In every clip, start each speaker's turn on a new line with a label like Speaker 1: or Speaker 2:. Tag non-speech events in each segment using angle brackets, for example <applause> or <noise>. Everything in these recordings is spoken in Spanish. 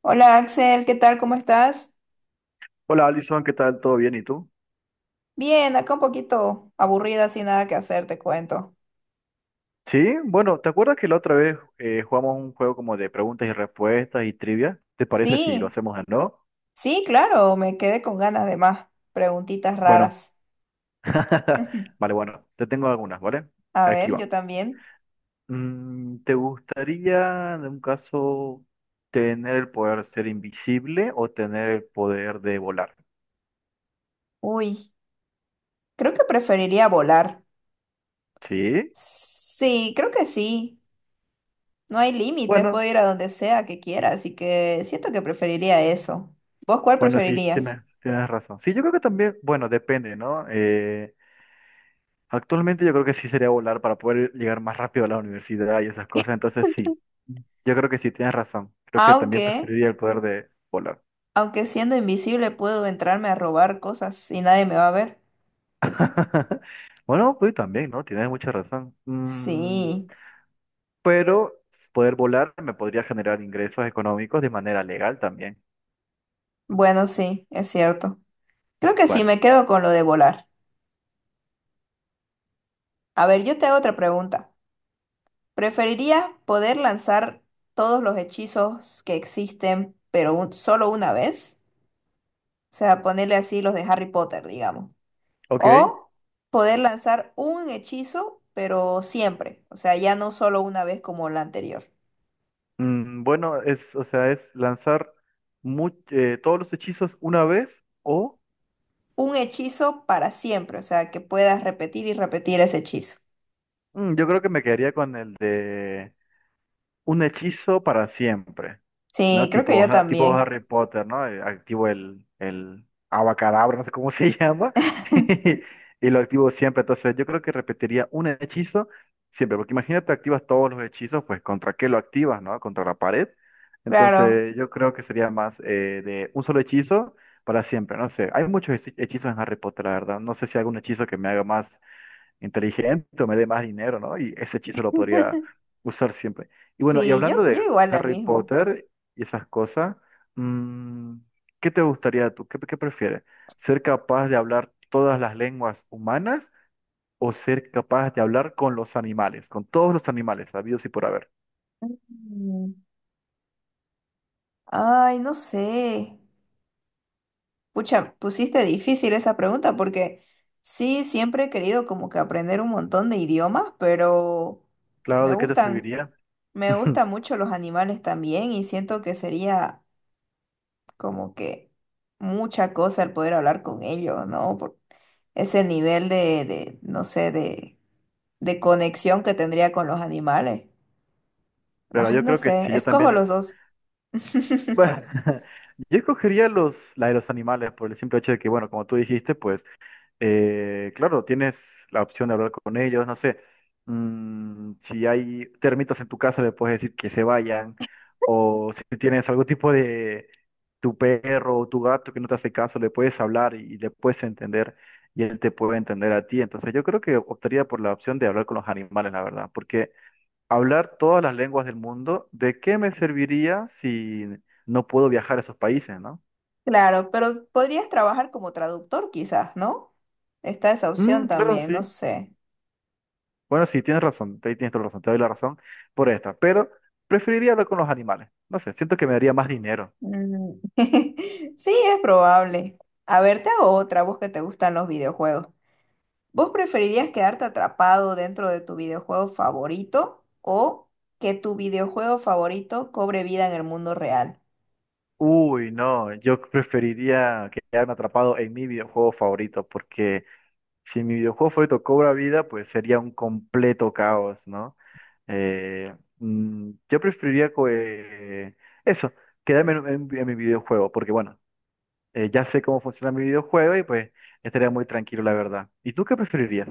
Speaker 1: Hola Axel, ¿qué tal? ¿Cómo estás?
Speaker 2: Hola Alison, ¿qué tal? ¿Todo bien? ¿Y tú?
Speaker 1: Bien, acá un poquito aburrida, sin nada que hacer, te cuento.
Speaker 2: Sí, bueno, ¿te acuerdas que la otra vez jugamos un juego como de preguntas y respuestas y trivia? ¿Te parece si lo
Speaker 1: Sí,
Speaker 2: hacemos de nuevo?
Speaker 1: sí, claro, me quedé con ganas de más preguntitas
Speaker 2: Bueno,
Speaker 1: raras.
Speaker 2: <laughs>
Speaker 1: <laughs>
Speaker 2: vale, bueno, te tengo algunas, ¿vale?
Speaker 1: A
Speaker 2: Aquí
Speaker 1: ver,
Speaker 2: va.
Speaker 1: yo también.
Speaker 2: ¿Te gustaría, en un caso, tener el poder de ser invisible o tener el poder de volar?
Speaker 1: Uy, creo que preferiría volar.
Speaker 2: Sí,
Speaker 1: Sí, creo que sí. No hay límites,
Speaker 2: bueno,
Speaker 1: puedo ir a donde sea que quiera, así que siento que preferiría eso. ¿Vos cuál
Speaker 2: bueno, sí,
Speaker 1: preferirías?
Speaker 2: tienes razón. Sí, yo creo que también, bueno, depende, ¿no? Actualmente yo creo que sí sería volar para poder llegar más rápido a la universidad y esas cosas, entonces sí, yo creo que sí, tienes razón. Creo que también
Speaker 1: Aunque,
Speaker 2: preferiría el poder de volar.
Speaker 1: aunque siendo invisible puedo entrarme a robar cosas y nadie me va a ver.
Speaker 2: <laughs> Bueno, pues también, ¿no? Tienes mucha razón.
Speaker 1: Sí.
Speaker 2: Pero poder volar me podría generar ingresos económicos de manera legal también.
Speaker 1: Bueno, sí, es cierto. Creo que sí,
Speaker 2: Bueno,
Speaker 1: me quedo con lo de volar. A ver, yo te hago otra pregunta. ¿Preferirías poder lanzar todos los hechizos que existen, pero solo una vez? O sea, ponerle así los de Harry Potter, digamos.
Speaker 2: ok.
Speaker 1: O poder lanzar un hechizo, pero siempre. O sea, ya no solo una vez como la anterior.
Speaker 2: Bueno, es, o sea, es lanzar todos los hechizos una vez o
Speaker 1: Un hechizo para siempre. O sea, que puedas repetir y repetir ese hechizo.
Speaker 2: yo creo que me quedaría con el de un hechizo para siempre,
Speaker 1: Sí,
Speaker 2: ¿no?
Speaker 1: creo que
Speaker 2: Tipo,
Speaker 1: yo
Speaker 2: tipo
Speaker 1: también.
Speaker 2: Harry Potter, ¿no? Activo el abacadabra, no sé cómo se <laughs> llama,
Speaker 1: <laughs>
Speaker 2: <laughs> y lo activo siempre. Entonces, yo creo que repetiría un hechizo siempre, porque imagínate, activas todos los hechizos, pues, ¿contra qué lo activas, no? Contra la pared.
Speaker 1: Claro.
Speaker 2: Entonces, yo creo que sería más de un solo hechizo para siempre, no sé. Hay muchos hechizos en Harry Potter, la verdad. No sé si hay algún hechizo que me haga más inteligente o me dé más dinero, ¿no? Y ese hechizo lo podría usar siempre. Y bueno, y
Speaker 1: Sí, yo,
Speaker 2: hablando
Speaker 1: yo
Speaker 2: de
Speaker 1: igual lo
Speaker 2: Harry
Speaker 1: mismo.
Speaker 2: Potter y esas cosas, mm, ¿qué te gustaría tú? ¿Qué, qué prefieres? ¿Ser capaz de hablar todas las lenguas humanas o ser capaz de hablar con los animales, con todos los animales, habidos y por haber?
Speaker 1: Mm, Ay, no sé. Pucha, pusiste difícil esa pregunta porque sí, siempre he querido como que aprender un montón de idiomas, pero
Speaker 2: Claro,
Speaker 1: me
Speaker 2: ¿de qué te
Speaker 1: gustan,
Speaker 2: serviría?
Speaker 1: me
Speaker 2: <laughs>
Speaker 1: gustan mucho los animales también y siento que sería como que mucha cosa el poder hablar con ellos, ¿no? Por ese nivel no sé, de conexión que tendría con los animales.
Speaker 2: Bueno,
Speaker 1: Ay,
Speaker 2: yo
Speaker 1: no
Speaker 2: creo que sí,
Speaker 1: sé,
Speaker 2: yo
Speaker 1: escojo
Speaker 2: también.
Speaker 1: los dos. <laughs>
Speaker 2: Bueno, <laughs> yo escogería los, la de los animales por el simple hecho de que, bueno, como tú dijiste, pues claro, tienes la opción de hablar con ellos, no sé, si hay termitas en tu casa, le puedes decir que se vayan, o si tienes algún tipo de tu perro o tu gato que no te hace caso, le puedes hablar y le puedes entender y él te puede entender a ti. Entonces yo creo que optaría por la opción de hablar con los animales, la verdad, porque hablar todas las lenguas del mundo, ¿de qué me serviría si no puedo viajar a esos países, ¿no?
Speaker 1: Claro, pero podrías trabajar como traductor quizás, ¿no? Está esa opción
Speaker 2: Claro,
Speaker 1: también, no
Speaker 2: sí.
Speaker 1: sé.
Speaker 2: Bueno, sí, tienes razón, ahí tienes toda la razón, te doy la razón por esta, pero preferiría hablar con los animales. No sé, siento que me daría más dinero.
Speaker 1: Mm. <laughs> Sí, es probable. A ver, te hago otra, vos que te gustan los videojuegos. ¿Vos preferirías quedarte atrapado dentro de tu videojuego favorito o que tu videojuego favorito cobre vida en el mundo real?
Speaker 2: Uy, no, yo preferiría quedarme atrapado en mi videojuego favorito, porque si mi videojuego favorito cobra vida, pues sería un completo caos, ¿no? Yo preferiría eso, quedarme en mi videojuego, porque bueno, ya sé cómo funciona mi videojuego y pues estaría muy tranquilo, la verdad. ¿Y tú qué preferirías?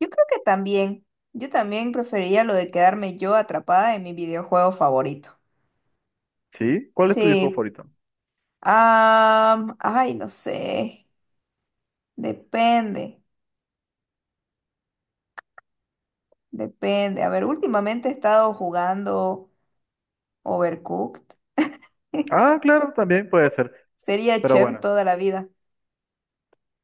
Speaker 1: Yo creo que también, yo también preferiría lo de quedarme yo atrapada en mi videojuego favorito.
Speaker 2: ¿Sí? ¿Cuál es tu videojuego
Speaker 1: Sí.
Speaker 2: favorito?
Speaker 1: Ah, ay, no sé. Depende, depende. A ver, últimamente he estado jugando Overcooked.
Speaker 2: Ah,
Speaker 1: <laughs>
Speaker 2: claro, también puede ser.
Speaker 1: Sería
Speaker 2: Pero
Speaker 1: chef
Speaker 2: bueno,
Speaker 1: toda la vida.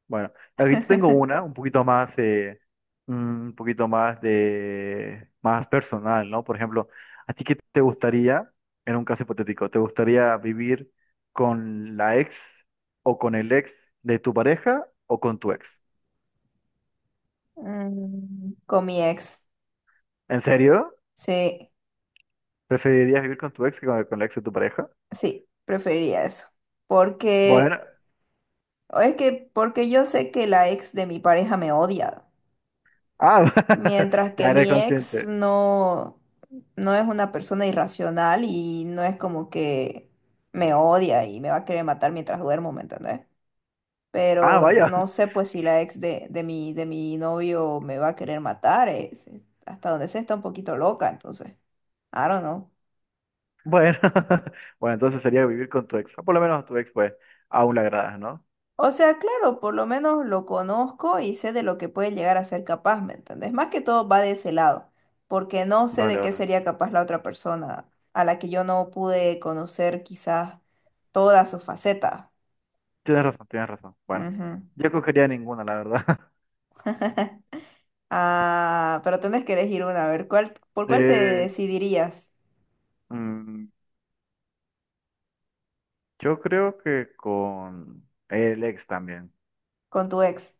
Speaker 2: bueno. Aquí te tengo una,
Speaker 1: <laughs>
Speaker 2: un poquito más, un poquito más de, más personal, ¿no? Por ejemplo, ¿a ti qué te gustaría, en un caso hipotético, te gustaría vivir con la ex o con el ex de tu pareja o con tu ex?
Speaker 1: Con mi ex.
Speaker 2: ¿En serio?
Speaker 1: Sí,
Speaker 2: ¿Preferirías vivir con tu ex que con la ex de tu pareja?
Speaker 1: sí, preferiría eso.
Speaker 2: Bueno,
Speaker 1: Porque, o es que, porque yo sé que la ex de mi pareja me odia.
Speaker 2: ah, <laughs>
Speaker 1: Mientras que
Speaker 2: ya eres
Speaker 1: mi ex
Speaker 2: consciente.
Speaker 1: no, no es una persona irracional y no es como que me odia y me va a querer matar mientras duermo, ¿me entendés?
Speaker 2: Ah,
Speaker 1: Pero
Speaker 2: vaya.
Speaker 1: no sé pues si la ex de mi novio me va a querer matar, hasta donde sé está un poquito loca, entonces, I don't know.
Speaker 2: Bueno, <laughs> bueno, entonces sería vivir con tu ex. O por lo menos a tu ex, pues, aún le agradas, ¿no?
Speaker 1: O sea, claro, por lo menos lo conozco y sé de lo que puede llegar a ser capaz, ¿me entendés? Más que todo va de ese lado, porque no sé
Speaker 2: Vale,
Speaker 1: de qué
Speaker 2: vale.
Speaker 1: sería capaz la otra persona a la que yo no pude conocer quizás toda su faceta.
Speaker 2: Tienes razón, tienes razón. Bueno,
Speaker 1: Ujú.
Speaker 2: yo cogería ninguna, la verdad. <laughs>
Speaker 1: <laughs> Ah, pero tenés que elegir una, a ver, ¿por cuál te
Speaker 2: Eh,
Speaker 1: decidirías
Speaker 2: mm, yo creo que con el ex también.
Speaker 1: con tu ex?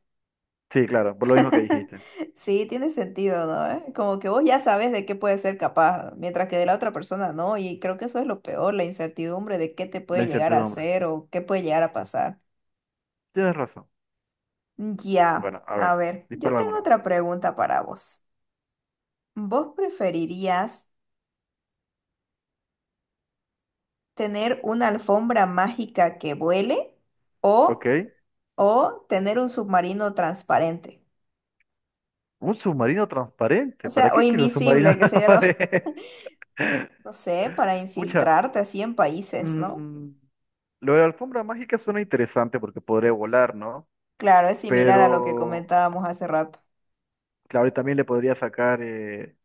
Speaker 2: Sí, claro, por lo mismo que
Speaker 1: <laughs>
Speaker 2: dijiste.
Speaker 1: Sí, tiene sentido, ¿no? ¿Eh? Como que vos ya sabes de qué puedes ser capaz, mientras que de la otra persona no, y creo que eso es lo peor, la incertidumbre de qué te
Speaker 2: La
Speaker 1: puede llegar a
Speaker 2: incertidumbre.
Speaker 1: hacer o qué puede llegar a pasar.
Speaker 2: Tienes razón.
Speaker 1: Ya,
Speaker 2: Bueno, a
Speaker 1: a
Speaker 2: ver,
Speaker 1: ver, yo
Speaker 2: disparo
Speaker 1: tengo
Speaker 2: alguna.
Speaker 1: otra pregunta para vos. ¿Vos preferirías tener una alfombra mágica que vuele
Speaker 2: Ok.
Speaker 1: o, o tener un submarino transparente?
Speaker 2: Un submarino
Speaker 1: O
Speaker 2: transparente. ¿Para
Speaker 1: sea, o
Speaker 2: qué quiero un submarino
Speaker 1: invisible,
Speaker 2: <laughs>
Speaker 1: que sería lo, <laughs>
Speaker 2: transparente?
Speaker 1: no sé, para
Speaker 2: Pucha.
Speaker 1: infiltrarte así en países, ¿no?
Speaker 2: mm, Lo de la alfombra mágica suena interesante porque podría volar, ¿no?
Speaker 1: Claro, es similar a lo que
Speaker 2: Pero,
Speaker 1: comentábamos hace rato.
Speaker 2: claro, y también le podría sacar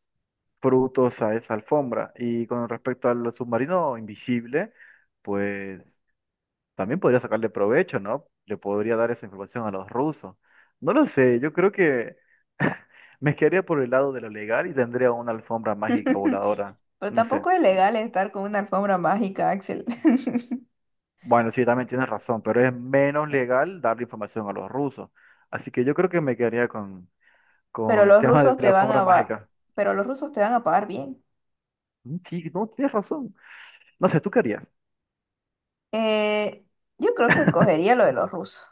Speaker 2: frutos a esa alfombra. Y con respecto al submarino invisible, pues también podría sacarle provecho, ¿no? Le podría dar esa información a los rusos. No lo sé, yo creo que <laughs> me quedaría por el lado de lo legal y tendría una alfombra mágica
Speaker 1: <laughs>
Speaker 2: voladora.
Speaker 1: Pero
Speaker 2: No sé.
Speaker 1: tampoco es legal estar con una alfombra mágica, Axel. <laughs>
Speaker 2: Bueno, sí, también tienes razón, pero es menos legal darle información a los rusos. Así que yo creo que me quedaría
Speaker 1: Pero
Speaker 2: con el
Speaker 1: los
Speaker 2: tema
Speaker 1: rusos
Speaker 2: de la
Speaker 1: te van a
Speaker 2: alfombra
Speaker 1: va-
Speaker 2: mágica.
Speaker 1: pero los rusos te van a pagar bien.
Speaker 2: Sí, no, tienes razón. No sé, ¿tú querías
Speaker 1: Eh, yo creo que escogería lo de los rusos.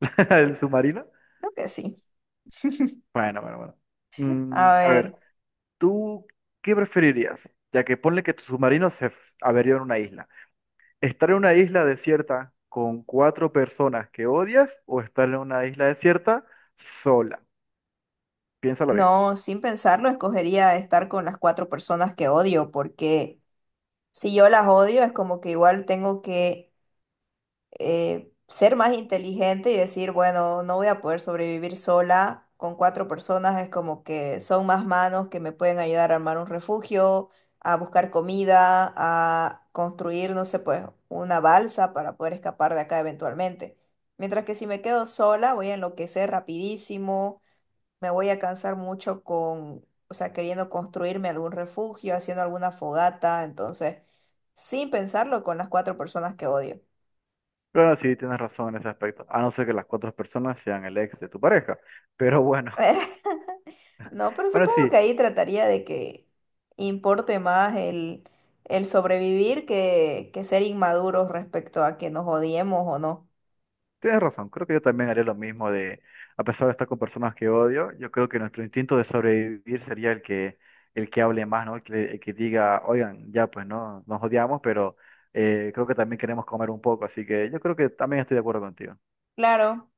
Speaker 2: <laughs> el submarino?
Speaker 1: Creo que sí.
Speaker 2: Bueno, bueno, bueno.
Speaker 1: A
Speaker 2: A ver,
Speaker 1: ver,
Speaker 2: ¿tú qué preferirías? Ya que ponle que tu submarino se averió en una isla. ¿Estar en una isla desierta con cuatro personas que odias o estar en una isla desierta sola? Piénsalo bien.
Speaker 1: no, sin pensarlo, escogería estar con las cuatro personas que odio, porque si yo las odio es como que igual tengo que ser más inteligente y decir, bueno, no voy a poder sobrevivir sola con cuatro personas, es como que son más manos que me pueden ayudar a armar un refugio, a buscar comida, a construir, no sé, pues una balsa para poder escapar de acá eventualmente. Mientras que si me quedo sola, voy a enloquecer rapidísimo, me voy a cansar mucho con, o sea, queriendo construirme algún refugio, haciendo alguna fogata, entonces, sin pensarlo con las cuatro personas que odio.
Speaker 2: Claro, sí, tienes razón en ese aspecto. A no ser que las cuatro personas sean el ex de tu pareja. Pero bueno,
Speaker 1: <laughs> No, pero
Speaker 2: <laughs> bueno,
Speaker 1: supongo que
Speaker 2: sí.
Speaker 1: ahí trataría de que importe más el sobrevivir que ser inmaduros respecto a que nos odiemos o no.
Speaker 2: Tienes razón, creo que yo también haré lo mismo de, a pesar de estar con personas que odio, yo creo que nuestro instinto de sobrevivir sería el que hable más, ¿no? El que diga, oigan, ya pues no, nos odiamos, pero creo que también queremos comer un poco, así que yo creo que también estoy de acuerdo contigo.
Speaker 1: Claro.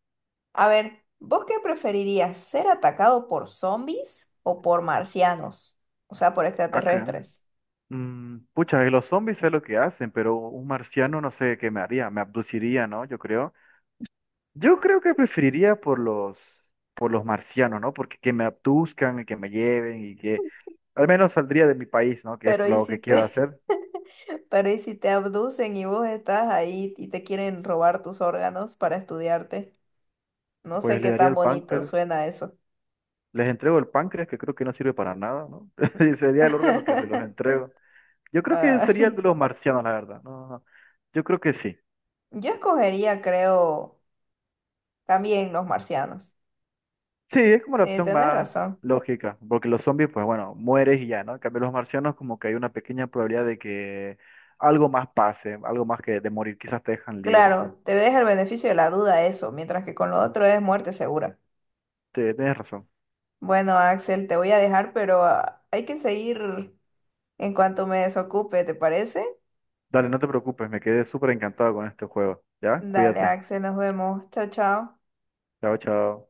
Speaker 1: A ver, ¿vos qué preferirías? ¿Ser atacado por zombies o por marcianos? O sea, por
Speaker 2: Acá,
Speaker 1: extraterrestres.
Speaker 2: pucha, los zombies sé lo que hacen, pero un marciano no sé qué me haría, me abduciría, ¿no? Yo creo. Yo creo que preferiría por los marcianos, ¿no? Porque que me abduzcan y que me lleven y que al menos saldría de mi país, ¿no? Que es
Speaker 1: Pero ¿y
Speaker 2: lo
Speaker 1: si
Speaker 2: que quiero
Speaker 1: te,
Speaker 2: hacer.
Speaker 1: <laughs> pero ¿y si te abducen y vos estás ahí y te quieren robar tus órganos para estudiarte? No sé
Speaker 2: Pues le
Speaker 1: qué
Speaker 2: daría
Speaker 1: tan
Speaker 2: el
Speaker 1: bonito
Speaker 2: páncreas,
Speaker 1: suena eso.
Speaker 2: les entrego el páncreas, que creo que no sirve para nada, ¿no? <laughs> Y sería el órgano que se los
Speaker 1: <laughs>
Speaker 2: entrego. Yo creo que sería el
Speaker 1: Ay.
Speaker 2: de los marcianos, la verdad. No, no. Yo creo que sí.
Speaker 1: Yo escogería, creo, también los marcianos.
Speaker 2: Sí, es como la opción
Speaker 1: Tenés
Speaker 2: más
Speaker 1: razón.
Speaker 2: lógica, porque los zombies, pues bueno, mueres y ya, ¿no? En cambio, los marcianos como que hay una pequeña probabilidad de que algo más pase, algo más que de morir, quizás te dejan libre.
Speaker 1: Claro, te deja el beneficio de la duda eso, mientras que con lo otro es muerte segura.
Speaker 2: Te- Tienes razón.
Speaker 1: Bueno, Axel, te voy a dejar, pero ah, hay que seguir en cuanto me desocupe, ¿te parece?
Speaker 2: Dale, no te preocupes, me quedé súper encantado con este juego. ¿Ya?
Speaker 1: Dale,
Speaker 2: Cuídate.
Speaker 1: Axel, nos vemos. Chao, chao.
Speaker 2: Chao, chao.